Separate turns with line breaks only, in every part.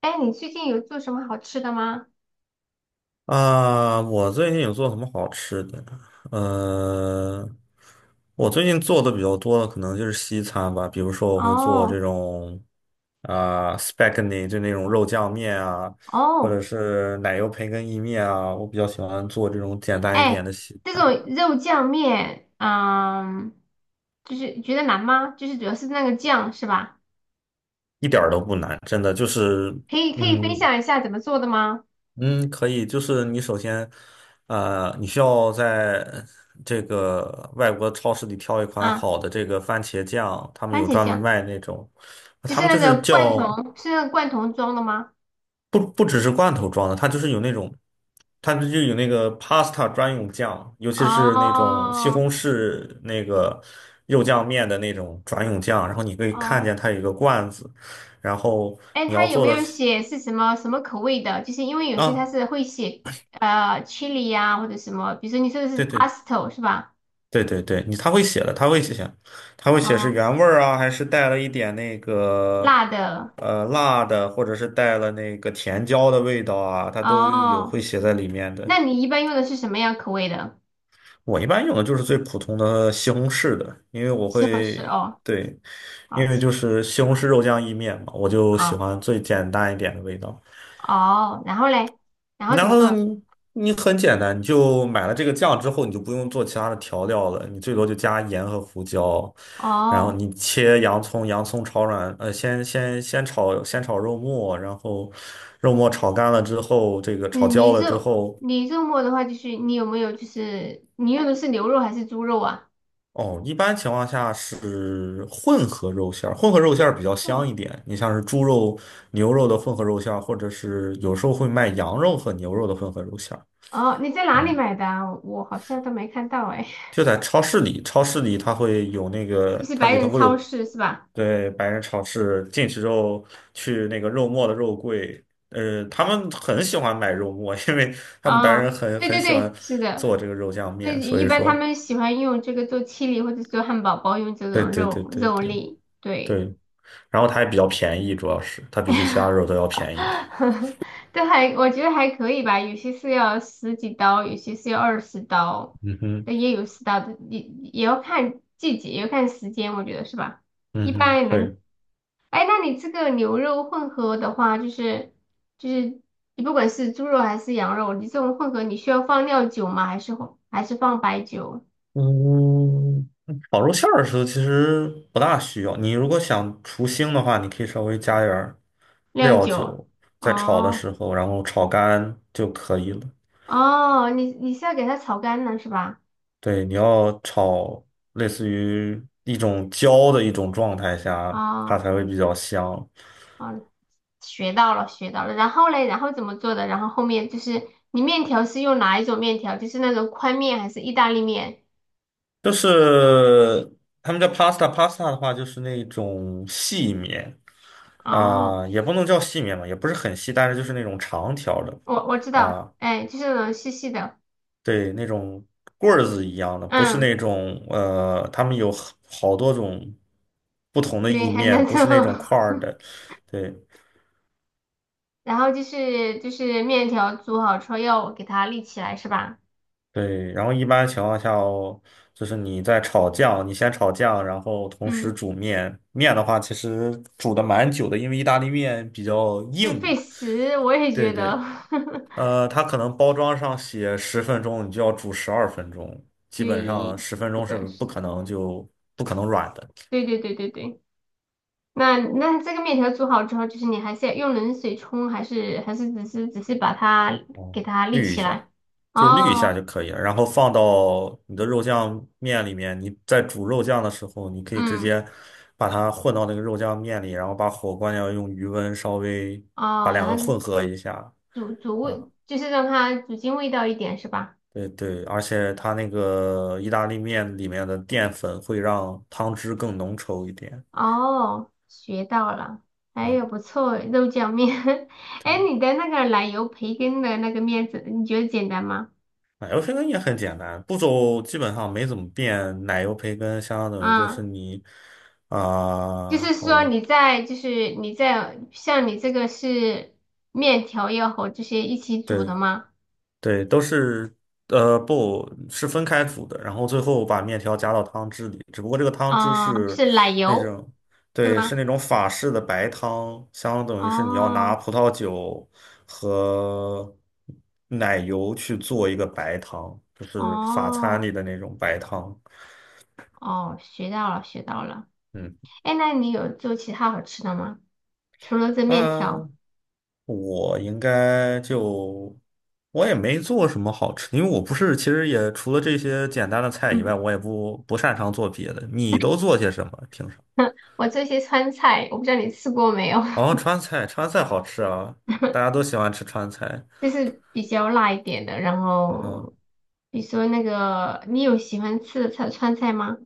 哎，你最近有做什么好吃的吗？
啊，我最近有做什么好吃的？呃，我最近做的比较多的可能就是西餐吧，比如说我会做这
哦
种啊、spaghetti，就那种肉酱面啊，或者
哦，
是奶油培根意面啊，我比较喜欢做这种简单一点
哎，
的西
这
餐，
种肉酱面，嗯，就是觉得难吗？就是主要是那个酱是吧？
一点儿都不难，真的就是
可以分
嗯。
享一下怎么做的吗？
嗯，可以，就是你首先，你需要在这个外国超市里挑一款
啊，
好的这个番茄酱，他们
番
有
茄
专门
酱，
卖那种，
就
他
是
们
那
就是
个罐
叫
头，是那个罐头装的吗？
不只是罐头装的，它就是有那种，它就有那个 pasta 专用酱，尤其是那种西
哦
红柿那个肉酱面的那种专用酱，然后你可以看
哦，
见它有一个罐子，然后
哎，
你
它
要
有
做
没
的
有
是
写是什么什么口味的？就是因为有些它
啊，
是会写chili 呀、或者什么，比如说你说的是 p
对
a
对
s t o 是吧？
对对对，你他会写的，他会写，他会写是
哦，
原味儿啊，还是带了一点那个
辣的。
辣的，或者是带了那个甜椒的味道啊，他都有
哦，
会写在里面的。
那你一般用的是什么样口味的？
我一般用的就是最普通的西红柿的，因为我
西红柿
会，
哦，
对，
好
因为
吃，
就是西红柿肉酱意面嘛，我就喜
啊，
欢最简单一点的味道。
哦，然后嘞，然后怎
然
么
后
做？
你很简单，你就买了这个酱之后，你就不用做其他的调料了，你最多就加盐和胡椒，然后
哦，
你切洋葱，洋葱炒软，先炒肉末，然后肉末炒干了之后，这个炒
嗯你
焦了之
肉
后，
你肉末的话，就是你有没有就是你用的是牛肉还是猪肉啊？
哦，一般情况下是混合肉馅儿，混合肉馅儿比较香
哦
一点。你像是猪肉、牛肉的混合肉馅儿，或者是有时候会卖羊肉和牛肉的混合肉馅儿。
哦，你在哪里
嗯，
买的啊？我好像都没看到哎，
就在超市里，超市里它会有那 个，
就是
它
白
里
人
头会
超
有
市是吧？
对白人超市进去之后去那个肉末的肉柜，他们很喜欢买肉末，因为他们白
哦，
人很
对
很
对
喜欢
对，是的，
做这个肉酱
这
面，所
一
以
般他
说，
们喜欢用这个做七里或者做汉堡包，用这
对
种
对对
肉
对
肉
对
粒，对。
对，然后它也比较便宜，主要是它比起其他肉都 要便宜。
对，还我觉得还可以吧，有些是要十几刀，有些是要二十刀，
嗯哼，
但也有十刀的，也要看季节，也要看时间，我觉得是吧？一
嗯哼，
般人，
对。
哎，那你这个牛肉混合的话，就是你不管是猪肉还是羊肉，你这种混合，你需要放料酒吗？还是放白酒？
嗯，烤肉馅儿的时候其实不大需要。你如果想除腥的话，你可以稍微加点儿
料
料
酒？
酒，在炒的
哦
时候，然后炒干就可以了。
哦，你是要给它炒干了是吧？
对，你要炒类似于一种焦的一种状态下，它
哦。
才会比较香。
哦，学到了，学到了。然后嘞，然后怎么做的？然后后面就是你面条是用哪一种面条？就是那种宽面还是意大利面？
就是他们叫 pasta，pasta 的话就是那种细面
哦，
啊、也不能叫细面嘛，也不是很细，但是就是那种长条的。
我知道，
啊。
哎，就是那种细细的，
对，那种棍儿子一样的，不是
嗯，
那种他们有好多种不同的意
对，很
面，
难
不
做。
是那种块儿 的。对
然后就是面条煮好之后要给它立起来，是吧？
对，然后一般情况下哦，就是你在炒酱，你先炒酱，然后同时
嗯，
煮面。面的话，其实煮的蛮久的，因为意大利面比较
就是费
硬。
时，我也
对
觉得，
对，它可能包装上写十分钟，你就要煮12分钟，基本上
对，
十分钟
是
是
的，
不
是的，
可能就不可能软的。
对对对对对。那那这个面条煮好之后，就是你还是要用冷水冲，还是只是把它给它立起来？
就滤一下
哦，
就可以了，然后放到你的肉酱面里面。你在煮肉酱的时候，你可以直
嗯，
接把它混到那个肉酱面里，然后把火关掉，用余温稍微把
哦，然
两
后
个混合一下
煮煮
啊。
味，就是让它煮进味道一点，是吧？
对对，而且它那个意大利面里面的淀粉会让汤汁更浓稠一点。
哦，学到了，哎
啊，
呦，不错，肉酱面。哎，
对，
你的那个奶油培根的那个面子，你觉得简单吗？
奶油培根也很简单，步骤基本上没怎么变。奶油培根相当于就
啊、
是你
就是
啊、
说
哦，
你在像你这个是面条要和这些一起煮的
对。
吗？
对，都是不是分开煮的，然后最后把面条加到汤汁里。只不过这个汤汁
啊、
是
是奶
那
油
种，
是
对，是
吗？
那种法式的白汤，相当于是你要拿
哦
葡萄酒和奶油去做一个白汤，就是法餐
哦
里的那种白汤。
哦，学到了。
嗯，
哎，那你有做其他好吃的吗？除了这面条，
我应该就我也没做什么好吃，因为我不是，其实也除了这些简单的菜以外，
嗯，
我也不擅长做别的。你都做些什么？平常？
我做一些川菜，我不知道你吃过没有，
哦，川菜，川菜好吃啊，大家都喜欢吃川菜。
就是比较辣一点的。然
啊哈。
后，比如说那个，你有喜欢吃的川菜吗？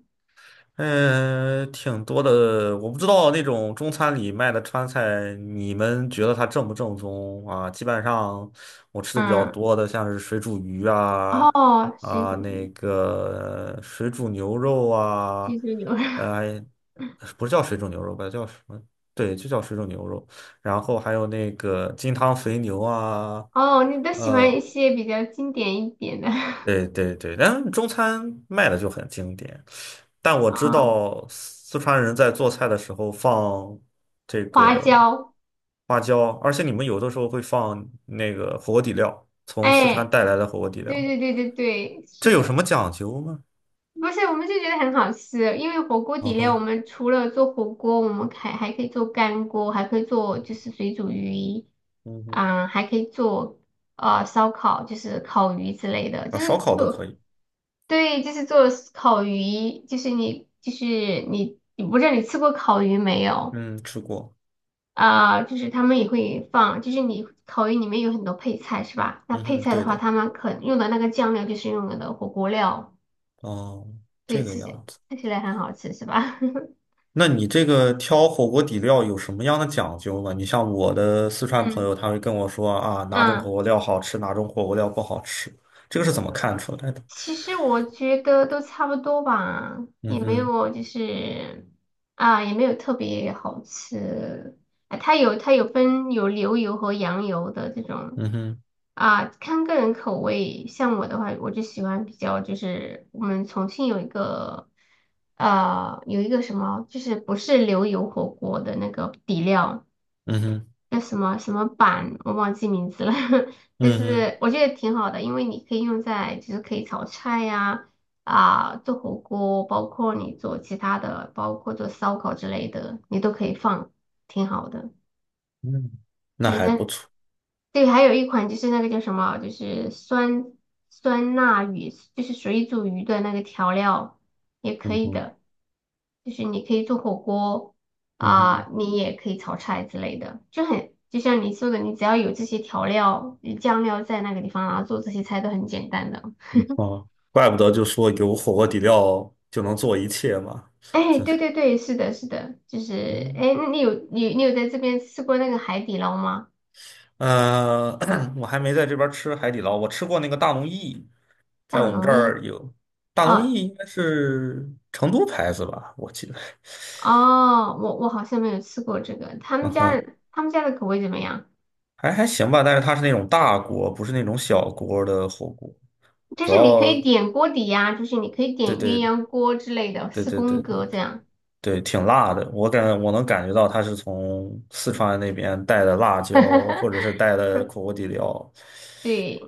嗯，挺多的。我不知道那种中餐里卖的川菜，你们觉得它正不正宗啊？基本上我吃的比较
嗯，
多的，像是水煮鱼啊，
哦，水
啊，那
煮
个水煮牛肉啊，
水煮牛肉，
呃，不是叫水煮牛肉吧，叫什么？对，就叫水煮牛肉。然后还有那个金汤肥牛啊，
哦，你都喜欢一
呃。
些比较经典一点的，
对对对，但中餐卖的就很经典。但我 知
啊、
道四川人在做菜的时候放这
花
个
椒，
花椒，而且你们有的时候会放那个火锅底料，从四
哎。
川带来的火锅底
对
料，
对对对对，
这
是
有
的，
什么讲究吗？
不是我们就觉得很好吃，因为火锅
啊
底料我
哈，
们除了做火锅，我们还可以做干锅，还可以做就是水煮鱼，
嗯哼，
啊、还可以做烧烤，就是烤鱼之类的，
啊，
就
烧
是
烤都可
做
以，
对，就是做烤鱼，就是你，我不知道你吃过烤鱼没有
嗯，吃过，
啊、就是他们也会放，就是你烤鱼里面有很多配菜是吧？那
嗯
配
哼，
菜的
对
话，
的，
他们可用的那个酱料就是用的火锅料。
哦，这
对，
个
吃起
样子。
看起来很好吃是吧？
那你这个挑火锅底料有什么样的讲究吗？你像我的四川朋
嗯
友，他会跟我说啊，哪种
嗯，
火锅料好吃，哪种火锅料不好吃，这个是
我
怎么看
的
出来的？
其实我觉得都差不多吧，
嗯
也没
哼，
有就是啊，也没有特别好吃。啊它有分有牛油和羊油的这种
嗯哼，
啊，看个人口味。像我的话，我就喜欢比较就是我们重庆有一个有一个什么，就是不是牛油火锅的那个底料。
嗯哼，
那什么什么板，我忘记名字了，但
嗯哼，
是我觉得挺好的，因为你可以用在就是可以炒菜呀、啊，做火锅，包括你做其他的，包括做烧烤之类的，你都可以放，挺好的。
嗯，那
那
还不
个
错。
对，还有一款就是那个叫什么，就是酸辣鱼，就是水煮鱼的那个调料也可
嗯
以
哼，
的，就是你可以做火锅
嗯
啊、
哼，
你也可以炒菜之类的，就很就像你说的，你只要有这些调料、酱料在那个地方，然后做这些菜都很简单的。
啊，怪不得就说有火锅底料就能做一切嘛，
哎，
真
对
是，
对对，是的，是的，就是
嗯，
哎，那你有你有在这边吃过那个海底捞吗？
呃，我还没在这边吃海底捞，我吃过那个大龙燚，
大
在我们
龙
这
燚
儿有大
啊。
龙燚，
哦
应该是成都牌子吧，我记得。
哦，我好像没有吃过这个，他
嗯
们家
哼，
的他们家的口味怎么样？
还行吧，但是它是那种大锅，不是那种小锅的火锅。
就
主
是你可
要，
以点锅底呀、就是你可以点
对
鸳
对
鸯锅之类的，
对
四
对
宫
对
格
对
这样。
对，挺辣的。我能感觉到它是从四川那边带的辣椒，或者是 带的火锅底料。
对，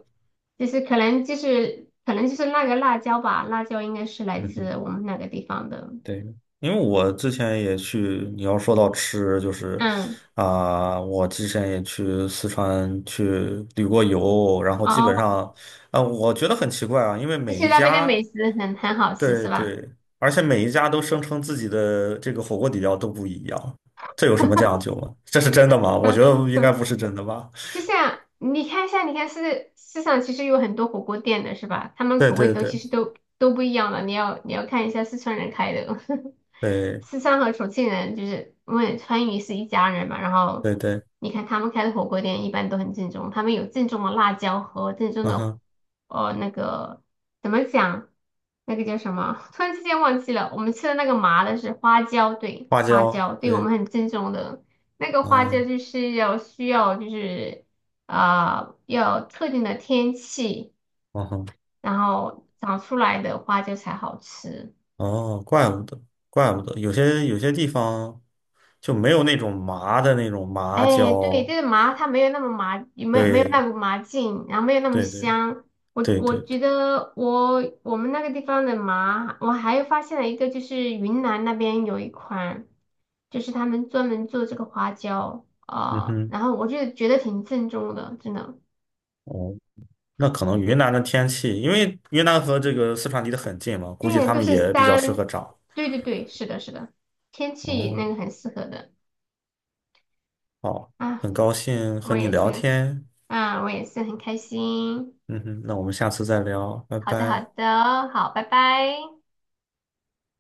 就是可能就是那个辣椒吧，辣椒应该是来
嗯哼。
自我们那个地方的。
对，因为我之前也去，你要说到吃，就是
嗯，
啊、我之前也去四川去旅过游，然后基本
哦，
上，啊、我觉得很奇怪啊，因为
就
每
是
一
那边的美
家，
食很好吃
对
是吧？
对，而且每一家都声称自己的这个火锅底料都不一样，这有什么讲究吗？这是真的吗？我觉得应该 不是真的吧。
就像你看一下，你看市场其实有很多火锅店的是吧？他们
对
口味
对
都
对
其实都都不一样的。你要看一下四川人开的，
对
四川和重庆人就是因为川渝是一家人嘛。然后
对对，
你看他们开的火锅店一般都很正宗，他们有正宗的辣椒和正宗
嗯
的
哼，
那个怎么讲？那个叫什么？突然之间忘记了。我们吃的那个麻的是花椒，对，
花
花
椒，
椒，对我
对，
们很正宗的。那个花椒
嗯
就是要需要就是啊、要特定的天气，
嗯哼。
然后长出来的花椒才好吃。
哦，怪不得，怪不得，有些地方就没有那种麻的那种麻
哎，对，
椒。
这个麻它没有那么麻，也没有那
对，
股麻劲，然后没有那么
对，对，
香。我
对，
我
对，
觉
对，
得我们那个地方的麻，我还发现了一个，就是云南那边有一款，就是他们专门做这个花椒，
嗯哼，
然后我就觉得挺正宗的，真的。
哦，那可能云南的天气，因为云南和这个四川离得很近嘛，估计
对，
他
都
们
是
也比较适
山，
合长。
对对对，是的，是的，天气
哦，
那个很适合的
好，
啊，
很高兴和
我
你
也
聊
是，
天。
啊，我也是很开心。
嗯哼，那我们下次再聊，拜
好的，好
拜。
的，好，拜拜。